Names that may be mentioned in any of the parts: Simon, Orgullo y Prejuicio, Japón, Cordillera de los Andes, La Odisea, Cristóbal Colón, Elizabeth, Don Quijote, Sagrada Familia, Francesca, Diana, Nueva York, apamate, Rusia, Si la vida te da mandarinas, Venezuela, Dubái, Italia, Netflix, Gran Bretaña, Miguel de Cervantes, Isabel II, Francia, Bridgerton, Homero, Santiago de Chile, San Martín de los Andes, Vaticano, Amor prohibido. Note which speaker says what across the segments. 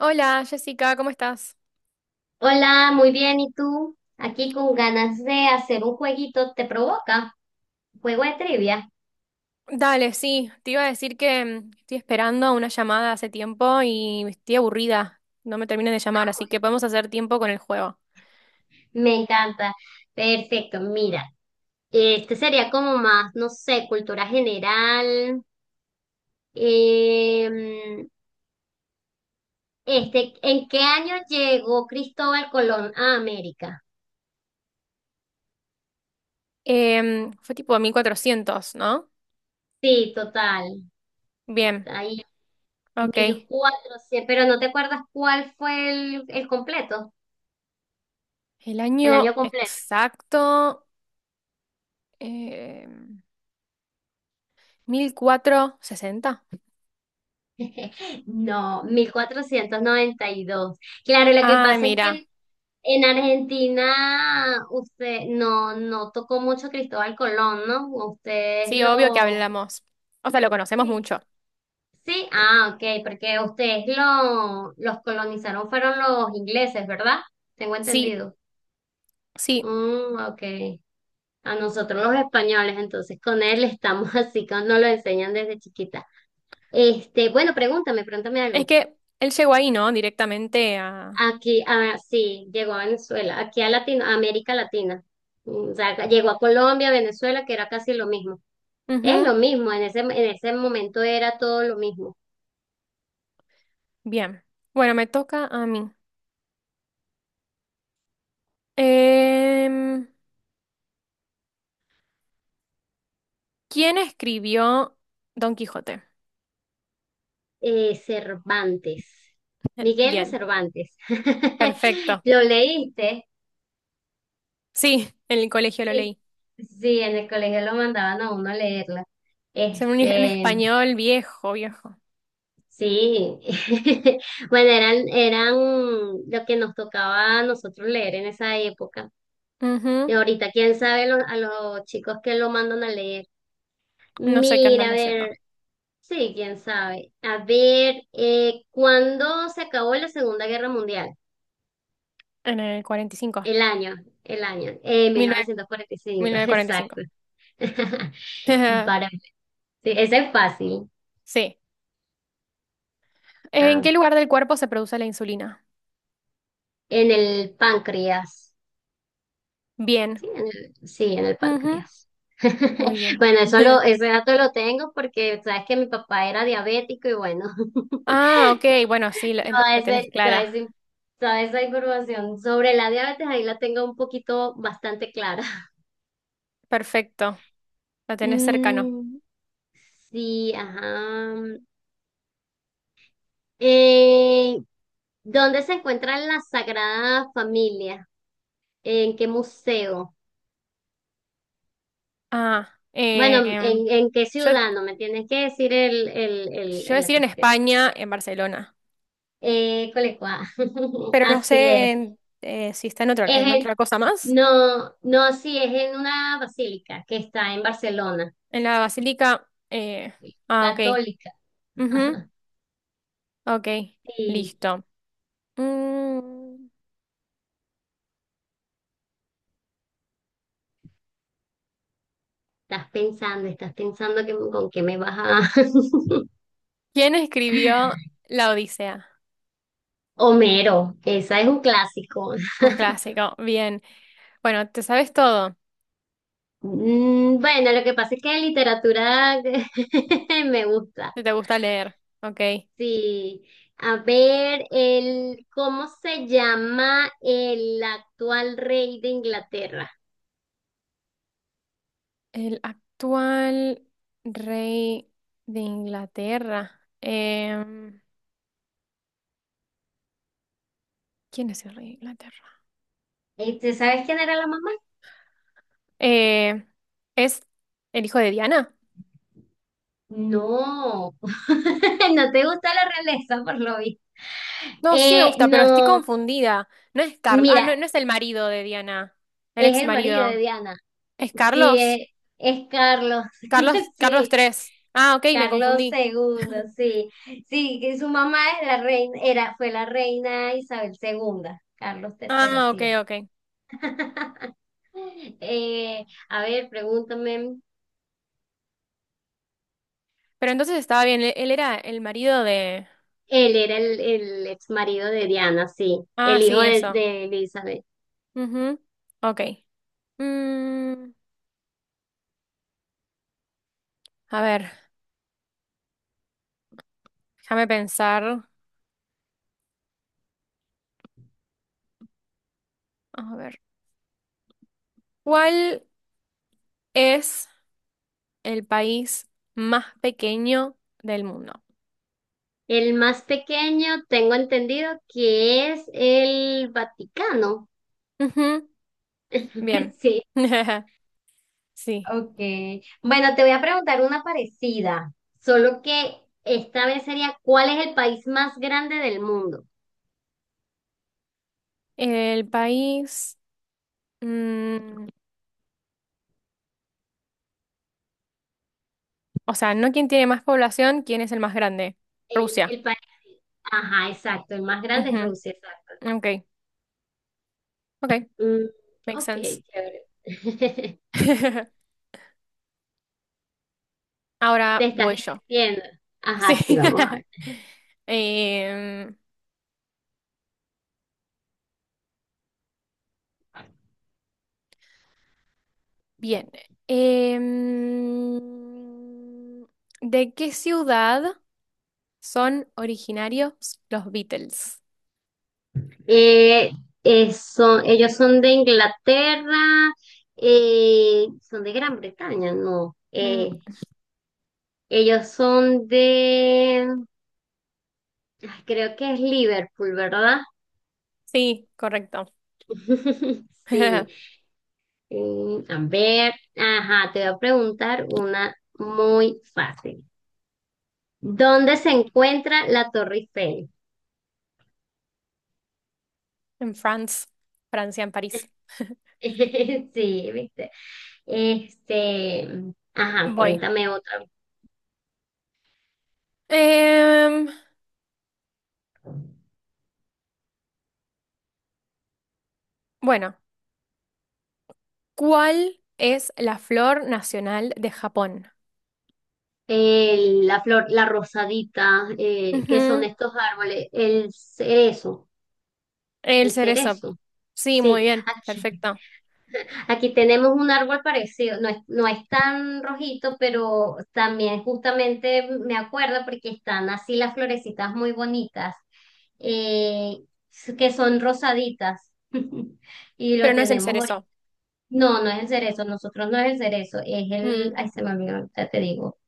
Speaker 1: Hola Jessica, ¿cómo estás?
Speaker 2: Hola, muy bien. ¿Y tú? Aquí con ganas de hacer un jueguito, ¿te provoca? Juego de trivia.
Speaker 1: Dale, sí, te iba a decir que estoy esperando una llamada hace tiempo y estoy aburrida, no me terminan de
Speaker 2: Ah,
Speaker 1: llamar, así que
Speaker 2: bueno.
Speaker 1: podemos hacer tiempo con el juego.
Speaker 2: Me encanta. Perfecto, mira. Este sería como más, no sé, cultura general. Em, este, ¿en qué año llegó Cristóbal Colón a América?
Speaker 1: Fue tipo 1400, ¿no?
Speaker 2: Sí, total.
Speaker 1: Bien,
Speaker 2: Ahí,
Speaker 1: ok.
Speaker 2: 1400, pero no te acuerdas cuál fue el completo,
Speaker 1: El
Speaker 2: el año
Speaker 1: año
Speaker 2: completo.
Speaker 1: exacto, em, 1460.
Speaker 2: No, 1492. Claro, lo que
Speaker 1: Ay,
Speaker 2: pasa es que
Speaker 1: mira,
Speaker 2: en Argentina usted no, no tocó mucho Cristóbal Colón, ¿no? Ustedes
Speaker 1: sí, obvio que
Speaker 2: lo.
Speaker 1: hablamos. O sea, lo conocemos
Speaker 2: Sí.
Speaker 1: mucho.
Speaker 2: Sí, ah, ok, porque ustedes los colonizaron fueron los ingleses, ¿verdad? Tengo
Speaker 1: Sí,
Speaker 2: entendido.
Speaker 1: sí,
Speaker 2: Mm, ok. A nosotros los españoles, entonces con él estamos así, nos lo enseñan desde chiquita. Este, bueno, pregúntame, pregúntame algo.
Speaker 1: es que él llegó ahí, ¿no? Directamente a...
Speaker 2: Aquí, ah, sí, llegó a Venezuela, aquí a América Latina. O sea, llegó a Colombia, Venezuela, que era casi lo mismo. Es lo
Speaker 1: Ujú.
Speaker 2: mismo, en ese momento era todo lo mismo.
Speaker 1: Bien. Bueno, me toca a mí. Em, ¿Quién escribió Don Quijote?
Speaker 2: Cervantes, Miguel de
Speaker 1: Bien,
Speaker 2: Cervantes.
Speaker 1: perfecto.
Speaker 2: ¿Lo leíste?
Speaker 1: Sí, en el colegio lo
Speaker 2: Sí,
Speaker 1: leí.
Speaker 2: sí, en el colegio lo mandaban a uno a leerla.
Speaker 1: Es un
Speaker 2: Este,
Speaker 1: español viejo, viejo.
Speaker 2: sí. Bueno, eran lo que nos tocaba a nosotros leer en esa época. Y
Speaker 1: Ujú.
Speaker 2: ahorita, quién sabe a los chicos que lo mandan a leer.
Speaker 1: No sé qué andan
Speaker 2: Mira, a
Speaker 1: leyendo.
Speaker 2: ver, sí, quién sabe. A ver, ¿cuándo se acabó la Segunda Guerra Mundial?
Speaker 1: En el 45
Speaker 2: El año, el año, mil
Speaker 1: mil nueve-
Speaker 2: novecientos cuarenta y
Speaker 1: mil
Speaker 2: cinco
Speaker 1: novecientos cuarenta y cinco.
Speaker 2: exacto. Para, sí, ese es fácil.
Speaker 1: Sí. ¿En
Speaker 2: Ah,
Speaker 1: qué lugar del cuerpo se produce la insulina?
Speaker 2: en el páncreas.
Speaker 1: Bien.
Speaker 2: Sí, en el
Speaker 1: Ujú.
Speaker 2: páncreas.
Speaker 1: Muy bien.
Speaker 2: Bueno, ese dato lo tengo porque sabes que mi papá era diabético y bueno.
Speaker 1: Ah, ok. Bueno, sí, la,
Speaker 2: Toda,
Speaker 1: la tenés
Speaker 2: ese- toda,
Speaker 1: clara.
Speaker 2: ese- toda esa información sobre la diabetes, ahí la tengo un poquito bastante clara.
Speaker 1: Perfecto. La tenés cercano.
Speaker 2: Mm, sí, ajá. Eh, ¿Dónde se encuentra la Sagrada Familia? ¿En qué museo?
Speaker 1: Ah,
Speaker 2: Bueno, ¿en qué
Speaker 1: yo
Speaker 2: ciudad? No me tienes que decir
Speaker 1: iba a
Speaker 2: la
Speaker 1: decir en
Speaker 2: cuestión.
Speaker 1: España, en Barcelona,
Speaker 2: Colecua.
Speaker 1: pero no
Speaker 2: Así es.
Speaker 1: sé en, si está
Speaker 2: Es
Speaker 1: en
Speaker 2: en-
Speaker 1: otra cosa más.
Speaker 2: no, no, sí, es en una basílica que está en Barcelona.
Speaker 1: En la Basílica. Ah, ok.
Speaker 2: Católica.
Speaker 1: Ujú, ok,
Speaker 2: Sí,
Speaker 1: listo. Mm,
Speaker 2: estás pensando que, con qué me vas a.
Speaker 1: ¿Quién escribió La Odisea?
Speaker 2: Homero, esa es un clásico.
Speaker 1: Un clásico, bien. Bueno, te sabes todo,
Speaker 2: Bueno, lo que pasa es que literatura me gusta.
Speaker 1: si te gusta leer, ok.
Speaker 2: Sí. A ver, ¿cómo se llama el actual rey de Inglaterra?
Speaker 1: El actual rey de Inglaterra. ¿Quién es el rey de Inglaterra?
Speaker 2: Este, ¿sabes quién era la mamá?
Speaker 1: Eh, ¿Es el hijo de Diana?
Speaker 2: No, no te gusta la realeza, por lo visto.
Speaker 1: No, sí me gusta, pero estoy
Speaker 2: No,
Speaker 1: confundida. No es Carlos. Ah, no,
Speaker 2: mira,
Speaker 1: no es el marido de Diana. El
Speaker 2: es
Speaker 1: ex
Speaker 2: el marido de
Speaker 1: marido.
Speaker 2: Diana.
Speaker 1: ¿Es
Speaker 2: Sí,
Speaker 1: Carlos?
Speaker 2: es Carlos.
Speaker 1: Carlos, Carlos
Speaker 2: Sí,
Speaker 1: tres Ah, ok, me
Speaker 2: Carlos
Speaker 1: confundí.
Speaker 2: II, sí. Sí, que su mamá es la reina, era, fue la reina Isabel II. Carlos III,
Speaker 1: Ah, ok,
Speaker 2: sí es.
Speaker 1: ok.
Speaker 2: Eh, a ver, pregúntame.
Speaker 1: Pero entonces estaba bien. Él era el marido de.
Speaker 2: Él era el ex marido de Diana, sí.
Speaker 1: Ah,
Speaker 2: El hijo
Speaker 1: sí,
Speaker 2: de,
Speaker 1: eso.
Speaker 2: de Elizabeth.
Speaker 1: Ujú. Ok. Mm, a ver, déjame pensar. A ver. ¿Cuál es el país más pequeño del mundo?
Speaker 2: El más pequeño, tengo entendido que es el Vaticano.
Speaker 1: Ujú. Bien.
Speaker 2: sí.
Speaker 1: Sí.
Speaker 2: Ok. Bueno, te voy a preguntar una parecida, solo que esta vez sería, ¿cuál es el país más grande del mundo?
Speaker 1: El país, mm, o sea, no quién tiene más población, quién es el más grande.
Speaker 2: El,
Speaker 1: Rusia.
Speaker 2: el país, ajá, exacto, el más grande es
Speaker 1: Ujú.
Speaker 2: Rusia, exacto.
Speaker 1: Ok, ok,
Speaker 2: Mm,
Speaker 1: makes
Speaker 2: ok,
Speaker 1: sense.
Speaker 2: chévere.
Speaker 1: Ahora
Speaker 2: Te estás
Speaker 1: voy yo.
Speaker 2: divirtiendo. Ajá, sí,
Speaker 1: Sí.
Speaker 2: vamos a ver.
Speaker 1: Em, Bien. Em, ¿De qué ciudad son originarios los Beatles?
Speaker 2: Eh, Ellos son de Inglaterra, son de Gran Bretaña, no.
Speaker 1: Mm,
Speaker 2: Ellos son ay, creo que es Liverpool, ¿verdad?
Speaker 1: sí, correcto.
Speaker 2: Sí, A ver, ajá, te voy a preguntar una muy fácil. ¿Dónde se encuentra la Torre Eiffel?
Speaker 1: En France, Francia, en París.
Speaker 2: Sí, viste. Este, ajá,
Speaker 1: Voy.
Speaker 2: cuéntame otra.
Speaker 1: Em, bueno, ¿cuál es la flor nacional de Japón?
Speaker 2: La flor, la rosadita, ¿qué son
Speaker 1: Ujú,
Speaker 2: estos árboles? El cerezo,
Speaker 1: el
Speaker 2: el
Speaker 1: cerezo.
Speaker 2: cerezo.
Speaker 1: Sí, muy
Speaker 2: Sí,
Speaker 1: bien,
Speaker 2: aquí.
Speaker 1: perfecto.
Speaker 2: Aquí tenemos un árbol parecido, no es tan rojito, pero también justamente me acuerdo porque están así las florecitas muy bonitas, eh, que son rosaditas. Y lo
Speaker 1: Pero no es el
Speaker 2: tenemos ahorita.
Speaker 1: cerezo.
Speaker 2: No, no es el cerezo, nosotros no es el cerezo,
Speaker 1: Mm,
Speaker 2: ay, se me olvidó, ahorita te digo.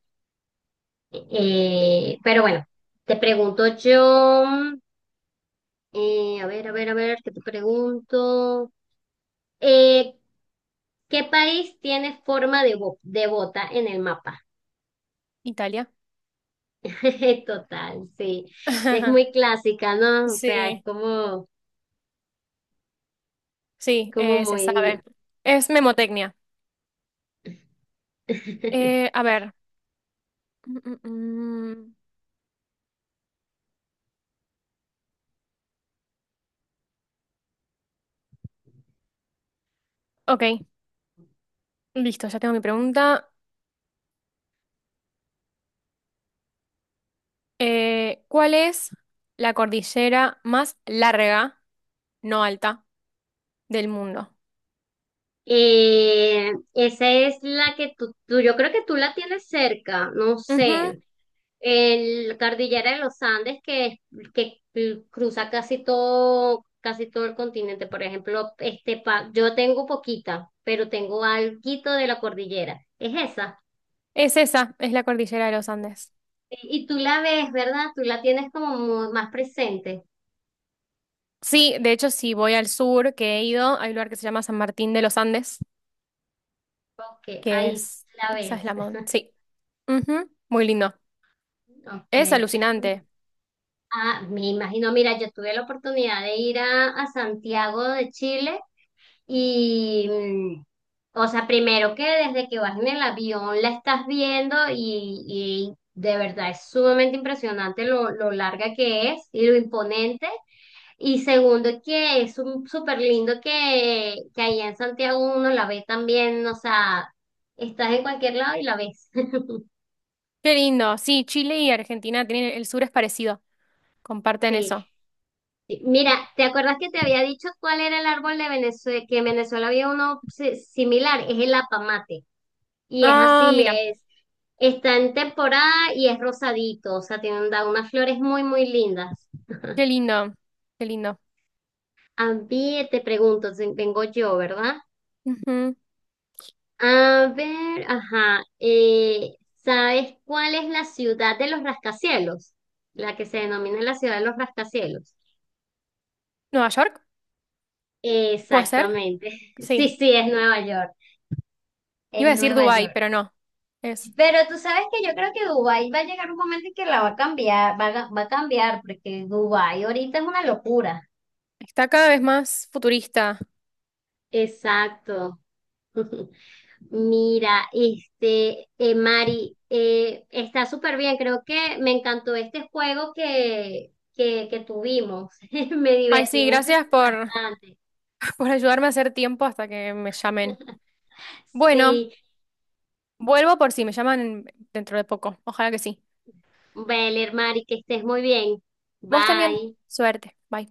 Speaker 2: Pero bueno, te pregunto yo, a ver, a ver, a ver, ¿qué te pregunto? Eh, ¿Qué país tiene forma de bota en el mapa?
Speaker 1: Italia.
Speaker 2: Total, sí. Sí, es muy clásica, ¿no? O sea, es
Speaker 1: Sí,
Speaker 2: como,
Speaker 1: sí,
Speaker 2: como
Speaker 1: se sabe.
Speaker 2: muy.
Speaker 1: Es memotecnia. A ver. Mm, mm, mm. Ok, listo, ya tengo mi pregunta. ¿Cuál es la cordillera más larga, no alta, del mundo?
Speaker 2: Esa es la que yo creo que tú la tienes cerca, no sé. El Cordillera de los Andes que cruza casi todo el continente. Por ejemplo, este yo tengo poquita, pero tengo alguito de la cordillera. Es esa.
Speaker 1: Es esa, es la cordillera de los Andes.
Speaker 2: Y tú la ves, ¿verdad? Tú la tienes como más presente.
Speaker 1: Sí, de hecho, si voy al sur, que he ido, hay un lugar que se llama San Martín de los Andes,
Speaker 2: Ok,
Speaker 1: que
Speaker 2: ahí
Speaker 1: es,
Speaker 2: la
Speaker 1: esa es
Speaker 2: ves.
Speaker 1: la sí. Ujú, muy lindo.
Speaker 2: Ok.
Speaker 1: Es alucinante.
Speaker 2: Ah, me imagino, mira, yo tuve la oportunidad de ir a Santiago de Chile y, o sea, primero que desde que vas en el avión la estás viendo y de verdad es sumamente impresionante lo larga que es y lo imponente. Y segundo que es un súper lindo que allá en Santiago uno la ve también, o sea, estás en cualquier lado y la ves.
Speaker 1: Qué lindo. Sí, Chile y Argentina tienen, el sur es parecido, comparten
Speaker 2: Sí.
Speaker 1: eso.
Speaker 2: Sí, mira, ¿te acuerdas que te había dicho cuál era el árbol de Venezuela? Que en Venezuela había uno similar, es el apamate. Y es
Speaker 1: Ah,
Speaker 2: así,
Speaker 1: mira,
Speaker 2: está en temporada y es rosadito, o sea, tiene da unas flores muy, muy lindas.
Speaker 1: qué lindo, qué lindo.
Speaker 2: A ver, te pregunto, si vengo yo, ¿verdad?
Speaker 1: Ujú.
Speaker 2: A ver, ajá, ¿sabes cuál es la ciudad de los rascacielos? La que se denomina la ciudad de los rascacielos.
Speaker 1: ¿Nueva York? ¿Puede ser?
Speaker 2: Exactamente. Sí,
Speaker 1: Sí.
Speaker 2: sí, es Nueva York. Es
Speaker 1: Iba a decir
Speaker 2: Nueva
Speaker 1: Dubái,
Speaker 2: York.
Speaker 1: pero no. Es,
Speaker 2: Pero tú sabes que yo creo que Dubái va a llegar un momento en que la va a cambiar, va a cambiar, porque Dubái ahorita es una locura.
Speaker 1: está cada vez más futurista.
Speaker 2: Exacto. Mira, este, Mari, está súper bien. Creo que me encantó este juego que tuvimos. Me
Speaker 1: Ay,
Speaker 2: divertí,
Speaker 1: sí,
Speaker 2: me
Speaker 1: gracias
Speaker 2: entretuve
Speaker 1: por,
Speaker 2: bastante.
Speaker 1: por ayudarme a hacer tiempo hasta que me llamen. Bueno,
Speaker 2: Sí,
Speaker 1: vuelvo por si me llaman dentro de poco. Ojalá que sí.
Speaker 2: Beler, Mari, que estés muy bien.
Speaker 1: Vos también.
Speaker 2: Bye.
Speaker 1: Suerte. Bye.